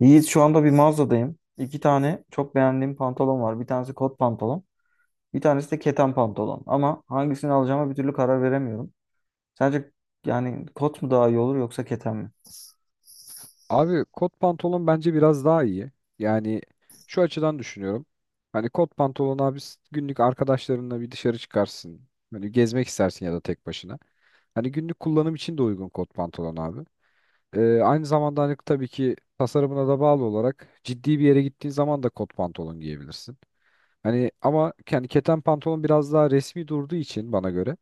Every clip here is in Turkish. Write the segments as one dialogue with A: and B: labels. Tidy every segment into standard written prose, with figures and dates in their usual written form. A: Yiğit şu anda bir mağazadayım. İki tane çok beğendiğim pantolon var. Bir tanesi kot pantolon. Bir tanesi de keten pantolon. Ama hangisini alacağıma bir türlü karar veremiyorum. Sence yani kot mu daha iyi olur yoksa keten mi?
B: Abi kot pantolon bence biraz daha iyi. Yani, şu açıdan düşünüyorum. Hani kot pantolon abi günlük arkadaşlarınla bir dışarı çıkarsın. Hani gezmek istersin ya da tek başına. Hani günlük kullanım için de uygun kot pantolon abi. Aynı zamanda hani tabii ki tasarımına da bağlı olarak ciddi bir yere gittiğin zaman da kot pantolon giyebilirsin. Hani ama yani keten pantolon biraz daha resmi durduğu için bana göre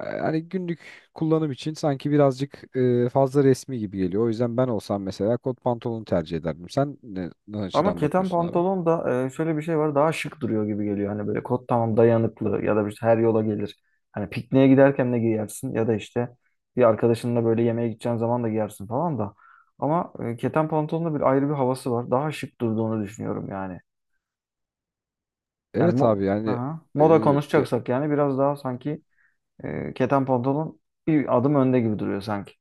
B: hani günlük kullanım için sanki birazcık fazla resmi gibi geliyor. O yüzden ben olsam mesela kot pantolonu tercih ederdim. Sen ne
A: Ama
B: açıdan
A: keten
B: bakıyorsun abi?
A: pantolon da şöyle bir şey var. Daha şık duruyor gibi geliyor. Hani böyle kot tamam dayanıklı ya da işte her yola gelir. Hani pikniğe giderken de giyersin ya da işte bir arkadaşınla böyle yemeğe gideceğin zaman da giyersin falan da. Ama keten pantolonun da bir ayrı bir havası var. Daha şık durduğunu düşünüyorum yani. Yani
B: Evet abi
A: mo
B: yani.
A: Aha.
B: e,
A: Moda
B: ya,
A: konuşacaksak yani biraz daha sanki keten pantolon bir adım önde gibi duruyor sanki.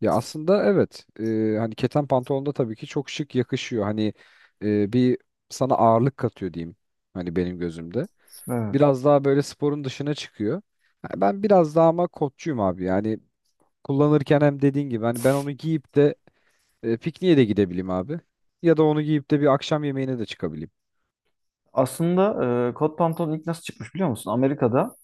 B: aslında evet. Hani keten pantolon da tabii ki çok şık yakışıyor. Hani bir sana ağırlık katıyor diyeyim hani benim gözümde.
A: Evet.
B: Biraz daha böyle sporun dışına çıkıyor. Ha, Ben biraz daha ama kotçuyum abi yani kullanırken hem dediğin gibi hani ben onu giyip de pikniğe de gidebileyim abi. Ya da onu giyip de bir akşam yemeğine de çıkabileyim.
A: Aslında kot pantolon ilk nasıl çıkmış biliyor musun? Amerika'da.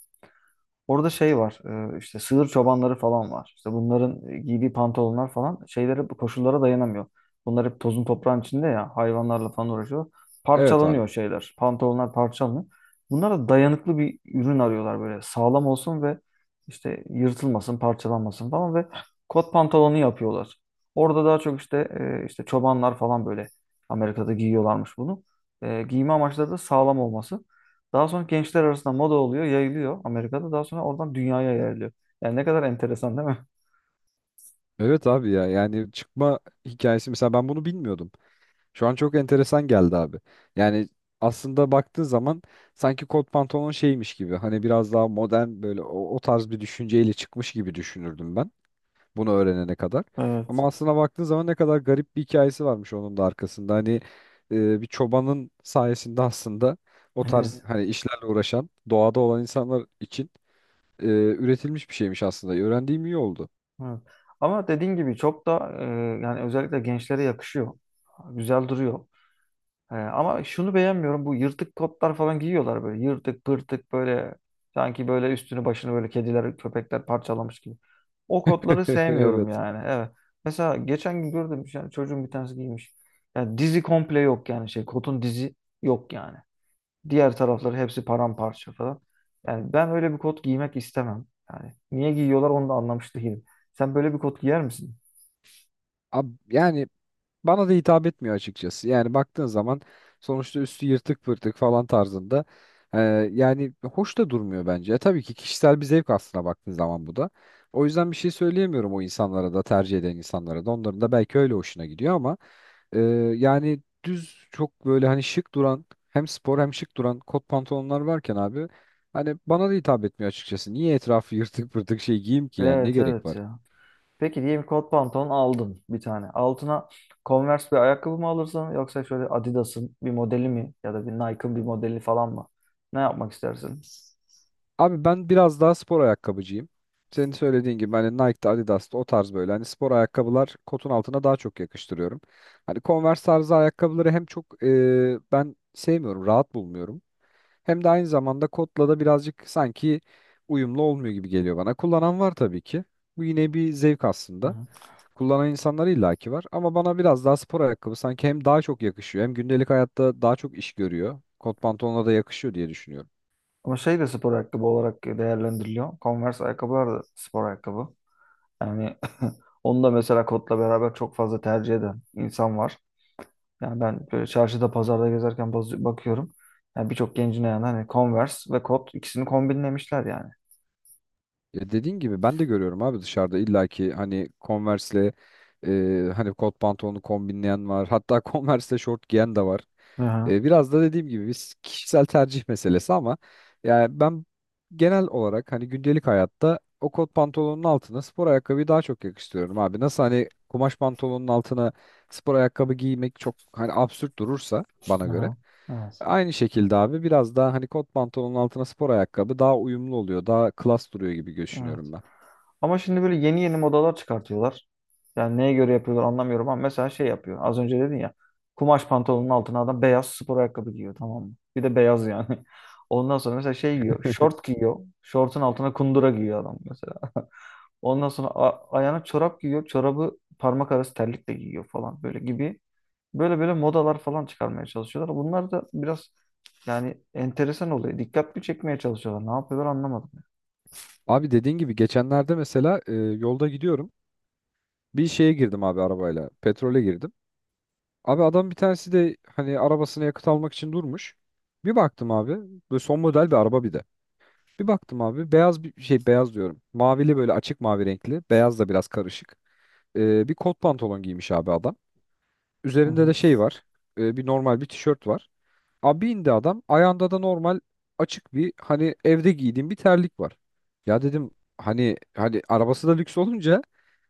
A: Orada şey var, işte sığır çobanları falan var. İşte bunların giydiği pantolonlar falan şeylere koşullara dayanamıyor. Bunlar hep tozun toprağın içinde ya hayvanlarla falan uğraşıyor.
B: Evet abi.
A: Parçalanıyor şeyler. Pantolonlar parçalanıyor. Bunlara da dayanıklı bir ürün arıyorlar, böyle sağlam olsun ve işte yırtılmasın, parçalanmasın falan ve kot pantolonu yapıyorlar. Orada daha çok işte işte çobanlar falan böyle Amerika'da giyiyorlarmış bunu. Giyme amaçları da sağlam olması. Daha sonra gençler arasında moda oluyor, yayılıyor Amerika'da. Daha sonra oradan dünyaya yayılıyor. Yani ne kadar enteresan değil mi?
B: Evet abi ya, yani çıkma hikayesi mesela ben bunu bilmiyordum. Şu an çok enteresan geldi abi. Yani aslında baktığın zaman sanki kot pantolon şeymiş gibi hani biraz daha modern böyle o tarz bir düşünceyle çıkmış gibi düşünürdüm ben bunu öğrenene kadar.
A: Evet.
B: Ama aslına baktığın zaman ne kadar garip bir hikayesi varmış onun da arkasında. Hani bir çobanın sayesinde aslında o tarz
A: Evet.
B: hani işlerle uğraşan doğada olan insanlar için üretilmiş bir şeymiş aslında. Öğrendiğim iyi oldu.
A: Evet. Ama dediğin gibi çok da yani özellikle gençlere yakışıyor. Güzel duruyor. Ama şunu beğenmiyorum. Bu yırtık kotlar falan giyiyorlar böyle. Yırtık pırtık böyle sanki böyle üstünü başını böyle kediler, köpekler parçalamış gibi. O kotları sevmiyorum
B: Evet.
A: yani. Evet. Mesela geçen gün gördüm, yani çocuğun bir tanesi giymiş. Yani dizi komple yok yani şey, kotun dizi yok yani. Diğer tarafları hepsi paramparça falan. Yani ben öyle bir kot giymek istemem. Yani niye giyiyorlar onu da anlamış değilim. Sen böyle bir kot giyer misin?
B: Yani bana da hitap etmiyor açıkçası. Yani baktığın zaman sonuçta üstü yırtık pırtık falan tarzında. E, Yani hoş da durmuyor bence. Tabii ki kişisel bir zevk aslına baktığın zaman bu da. O yüzden bir şey söyleyemiyorum o insanlara da, tercih eden insanlara da. Onların da belki öyle hoşuna gidiyor ama Ee, yani düz çok böyle hani şık duran, hem spor hem şık duran kot pantolonlar varken abi, hani bana da hitap etmiyor açıkçası. Niye etrafı yırtık pırtık şey giyeyim ki yani, ne
A: Evet,
B: gerek
A: evet
B: var?
A: ya. Peki diyelim kot pantolon aldın bir tane. Altına Converse bir ayakkabı mı alırsın yoksa şöyle Adidas'ın bir modeli mi ya da bir Nike'ın bir modeli falan mı? Ne yapmak istersin?
B: Abi ben biraz daha spor ayakkabıcıyım. Senin söylediğin gibi hani Nike'da, Adidas'ta o tarz böyle hani spor ayakkabılar kotun altına daha çok yakıştırıyorum. Hani Converse tarzı ayakkabıları hem çok ben sevmiyorum, rahat bulmuyorum. Hem de aynı zamanda kodla da birazcık sanki uyumlu olmuyor gibi geliyor bana. Kullanan var tabii ki. Bu yine bir zevk
A: Hı
B: aslında.
A: hı.
B: Kullanan insanlar illaki var ama bana biraz daha spor ayakkabı sanki hem daha çok yakışıyor, hem gündelik hayatta daha çok iş görüyor. Kot pantolonla da yakışıyor diye düşünüyorum.
A: Ama şey de spor ayakkabı olarak değerlendiriliyor. Converse ayakkabılar da spor ayakkabı. Yani onu da mesela kotla beraber çok fazla tercih eden insan var. Yani ben böyle çarşıda pazarda gezerken bakıyorum. Yani birçok gencin ayağında hani Converse ve kot ikisini kombinlemişler yani.
B: Ya dediğin gibi ben de görüyorum abi, dışarıda illaki hani Converse'le hani kot pantolonu kombinleyen var. Hatta Converse'le şort giyen de var.
A: Aha,
B: Biraz da dediğim gibi biz, kişisel tercih meselesi ama yani ben genel olarak hani gündelik hayatta o kot pantolonun altına spor ayakkabıyı daha çok yakıştırıyorum abi. Nasıl hani kumaş pantolonun altına spor ayakkabı giymek çok hani absürt durursa bana göre.
A: aha, evet,
B: Aynı şekilde abi biraz daha hani kot pantolonun altına spor ayakkabı daha uyumlu oluyor. Daha klas duruyor gibi
A: evet.
B: düşünüyorum ben.
A: Ama şimdi böyle yeni yeni modalar çıkartıyorlar. Yani neye göre yapıyorlar anlamıyorum ama mesela şey yapıyor. Az önce dedin ya, kumaş pantolonun altına adam beyaz spor ayakkabı giyiyor, tamam mı? Bir de beyaz yani. Ondan sonra mesela şey giyiyor. Şort giyiyor. Şortun altına kundura giyiyor adam mesela. Ondan sonra ayağına çorap giyiyor. Çorabı parmak arası terlikle giyiyor falan böyle gibi. Böyle böyle modalar falan çıkarmaya çalışıyorlar. Bunlar da biraz yani enteresan oluyor. Dikkatli çekmeye çalışıyorlar. Ne yapıyorlar anlamadım.
B: Abi dediğin gibi geçenlerde mesela yolda gidiyorum. Bir şeye girdim abi arabayla. Petrole girdim. Abi adam bir tanesi de hani arabasına yakıt almak için durmuş. Bir baktım abi. Böyle son model bir araba bir de. Bir baktım abi, beyaz bir şey, beyaz diyorum. Mavili böyle, açık mavi renkli. Beyaz da biraz karışık. Bir kot pantolon giymiş abi adam.
A: Hı
B: Üzerinde
A: hı.
B: de şey var. Bir normal bir tişört var. Abi indi adam. Ayağında da normal açık bir, hani evde giydiğim bir terlik var. Ya dedim, hani arabası da lüks olunca,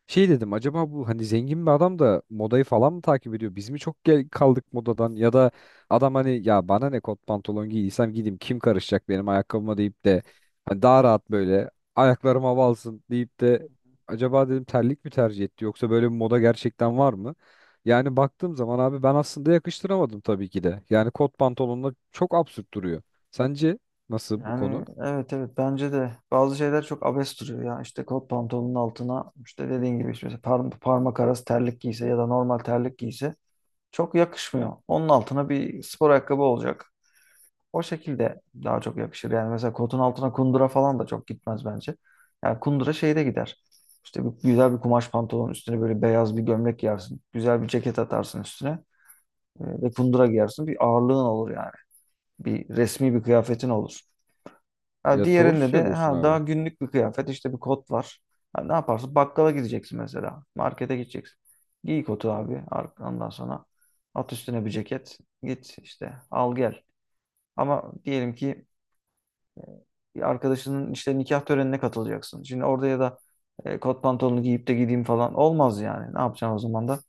B: şey dedim, acaba bu hani zengin bir adam da modayı falan mı takip ediyor? Biz mi çok gel kaldık modadan, ya da adam hani ya, bana ne, kot pantolon giydiysem gideyim, kim karışacak benim ayakkabıma deyip de hani daha rahat, böyle ayaklarım hava alsın deyip de acaba dedim terlik mi tercih etti, yoksa böyle bir moda gerçekten var mı? Yani baktığım zaman abi ben aslında yakıştıramadım tabii ki de. Yani kot pantolonla çok absürt duruyor. Sence nasıl bu konu?
A: Yani evet, evet bence de bazı şeyler çok abes duruyor ya. İşte kot pantolonun altına işte dediğin gibi işte mesela parmak arası terlik giyse ya da normal terlik giyse çok yakışmıyor. Onun altına bir spor ayakkabı olacak. O şekilde daha çok yakışır. Yani mesela kotun altına kundura falan da çok gitmez bence. Yani kundura şeyde gider. İşte bir, güzel bir kumaş pantolon üstüne böyle beyaz bir gömlek giyersin. Güzel bir ceket atarsın üstüne. Ve kundura giyersin. Bir ağırlığın olur yani. Bir resmi bir kıyafetin olur. Ha,
B: Ya doğru
A: diğerinde de
B: söylüyorsun
A: ha, daha
B: abi.
A: günlük bir kıyafet, işte bir kot var. Ha, ne yaparsın? Bakkala gideceksin mesela. Markete gideceksin. Giy kotu abi. Ondan sonra at üstüne bir ceket. Git işte al gel. Ama diyelim ki bir arkadaşının işte nikah törenine katılacaksın. Şimdi orada ya da kot pantolonu giyip de gideyim falan olmaz yani. Ne yapacaksın o zaman da?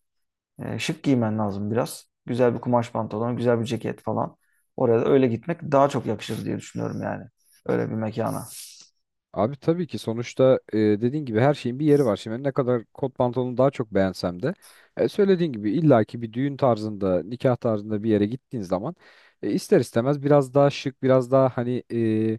A: Şık giymen lazım biraz. Güzel bir kumaş pantolon, güzel bir ceket falan. Oraya da öyle gitmek daha çok yakışır diye düşünüyorum yani. Öyle bir mekana.
B: Abi tabii ki sonuçta dediğin gibi her şeyin bir yeri var. Şimdi ne kadar kot pantolonu daha çok beğensem de söylediğin gibi illaki bir düğün tarzında, nikah tarzında bir yere gittiğin zaman ister istemez biraz daha şık, biraz daha hani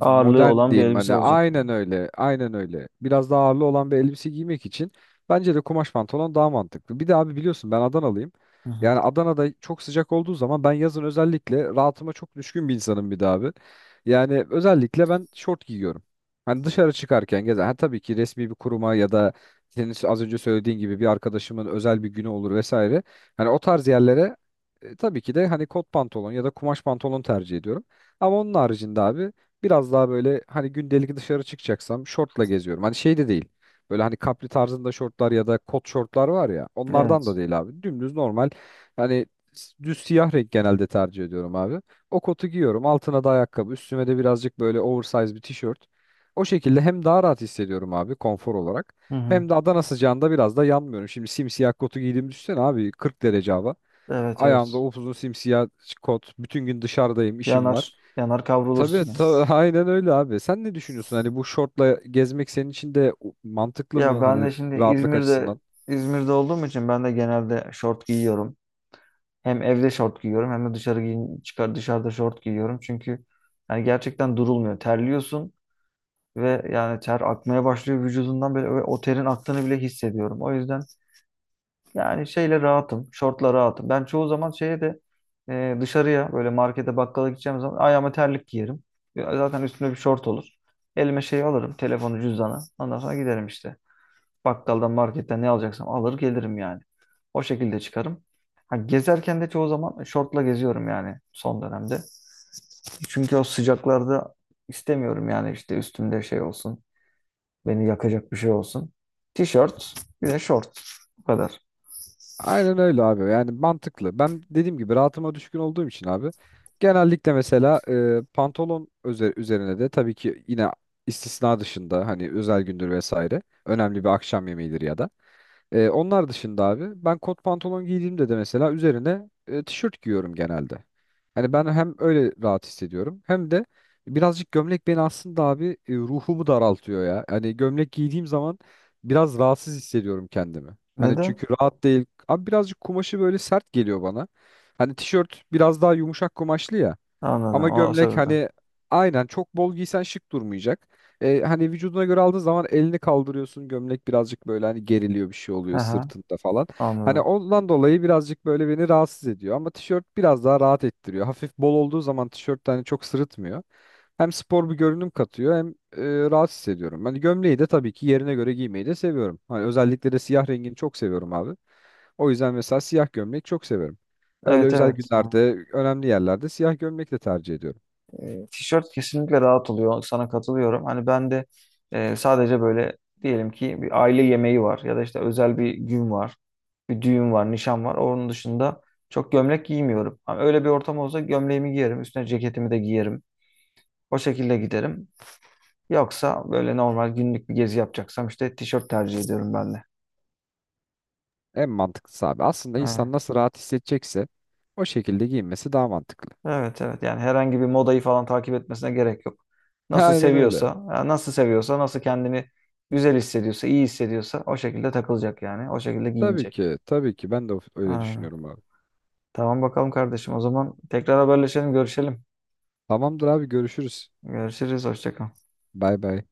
A: Ağırlığı olan bir
B: diyeyim,
A: elbise
B: hani
A: olacak.
B: aynen öyle, aynen öyle, biraz daha ağırlı olan bir elbise giymek için bence de kumaş pantolon daha mantıklı. Bir de abi biliyorsun ben Adanalıyım.
A: Hı hı.
B: Yani Adana'da çok sıcak olduğu zaman, ben yazın özellikle rahatıma çok düşkün bir insanım bir de abi. Yani özellikle ben şort giyiyorum. Hani dışarı çıkarken gezer. Ha tabii ki resmi bir kuruma ya da senin az önce söylediğin gibi bir arkadaşımın özel bir günü olur vesaire. Hani o tarz yerlere tabii ki de hani kot pantolon ya da kumaş pantolon tercih ediyorum. Ama onun haricinde abi, biraz daha böyle hani gündelik dışarı çıkacaksam şortla geziyorum. Hani şey de değil. Böyle hani kapri tarzında şortlar ya da kot şortlar var ya. Onlardan da
A: Evet.
B: değil abi. Dümdüz normal. Hani düz siyah renk genelde tercih ediyorum abi. O kotu giyiyorum. Altına da ayakkabı. Üstüme de birazcık böyle oversize bir tişört. O şekilde hem daha rahat hissediyorum abi, konfor olarak.
A: Hı hı.
B: Hem de Adana sıcağında biraz da yanmıyorum. Şimdi simsiyah kotu giydiğimi düşünsene abi. 40 derece hava.
A: Evet,
B: Ayağımda
A: evet.
B: upuzun simsiyah kot. Bütün gün dışarıdayım, işim var.
A: Yanar. Yanar
B: Tabii,
A: kavrulursun yani.
B: tabii aynen öyle abi. Sen ne düşünüyorsun? Hani bu şortla gezmek senin için de mantıklı mı?
A: Ya ben
B: Hani
A: de şimdi
B: rahatlık
A: İzmir'de,
B: açısından.
A: İzmir'de olduğum için ben de genelde şort giyiyorum. Hem evde şort giyiyorum hem de dışarı giyin, çıkar, dışarıda şort giyiyorum. Çünkü yani gerçekten durulmuyor. Terliyorsun ve yani ter akmaya başlıyor vücudundan böyle ve o terin aktığını bile hissediyorum. O yüzden yani şeyle rahatım, şortla rahatım. Ben çoğu zaman şeye de dışarıya böyle markete bakkala gideceğim zaman ayağıma terlik giyerim. Ya zaten üstümde bir şort olur. Elime şey alırım, telefonu, cüzdanı. Ondan sonra giderim işte. Bakkaldan, marketten ne alacaksam alır gelirim yani. O şekilde çıkarım. Ha, gezerken de çoğu zaman şortla geziyorum yani son dönemde. Çünkü o sıcaklarda istemiyorum yani işte üstümde şey olsun. Beni yakacak bir şey olsun. Tişört, bir de şort. Bu kadar.
B: Aynen öyle abi. Yani mantıklı. Ben dediğim gibi rahatıma düşkün olduğum için abi. Genellikle mesela pantolon üzerine de tabii ki yine, istisna dışında hani özel gündür vesaire. Önemli bir akşam yemeğidir ya da. Onlar dışında abi, ben kot pantolon giydiğimde de mesela üzerine tişört giyiyorum genelde. Hani ben hem öyle rahat hissediyorum hem de birazcık gömlek beni aslında abi ruhumu daraltıyor ya. Hani gömlek giydiğim zaman biraz rahatsız hissediyorum kendimi. Hani
A: Neden?
B: çünkü rahat değil. Abi birazcık kumaşı böyle sert geliyor bana. Hani tişört biraz daha yumuşak kumaşlı ya. Ama
A: Anladım. O
B: gömlek
A: sebepten.
B: hani aynen, çok bol giysen şık durmayacak. Hani vücuduna göre aldığın zaman elini kaldırıyorsun. Gömlek birazcık böyle hani geriliyor, bir şey
A: Hı
B: oluyor
A: hı,
B: sırtında falan. Hani
A: anladım.
B: ondan dolayı birazcık böyle beni rahatsız ediyor. Ama tişört biraz daha rahat ettiriyor. Hafif bol olduğu zaman tişört de hani çok sırıtmıyor. Hem spor bir görünüm katıyor, hem rahat hissediyorum. Hani gömleği de tabii ki yerine göre giymeyi de seviyorum. Hani özellikle de siyah rengini çok seviyorum abi. O yüzden mesela siyah gömlek çok severim. Öyle
A: Evet,
B: özel
A: evet.
B: günlerde, önemli yerlerde siyah gömlek de tercih ediyorum.
A: Tişört kesinlikle rahat oluyor. Sana katılıyorum. Hani ben de sadece böyle diyelim ki bir aile yemeği var ya da işte özel bir gün var. Bir düğün var, nişan var. Onun dışında çok gömlek giymiyorum. Ama öyle bir ortam olsa gömleğimi giyerim, üstüne ceketimi de giyerim. O şekilde giderim. Yoksa böyle normal günlük bir gezi yapacaksam işte tişört tercih ediyorum ben de.
B: En mantıklısı abi. Aslında
A: Evet.
B: insan nasıl rahat hissedecekse o şekilde giyinmesi daha mantıklı.
A: Evet, evet yani herhangi bir modayı falan takip etmesine gerek yok. Nasıl
B: Aynen
A: seviyorsa,
B: öyle.
A: yani nasıl seviyorsa, nasıl kendini güzel hissediyorsa, iyi hissediyorsa o şekilde takılacak yani. O şekilde
B: Tabii
A: giyinecek.
B: ki, tabii ki. Ben de öyle
A: Aynen.
B: düşünüyorum abi.
A: Tamam bakalım kardeşim. O zaman tekrar haberleşelim, görüşelim.
B: Tamamdır abi, görüşürüz.
A: Görüşürüz, hoşça kal.
B: Bay bay.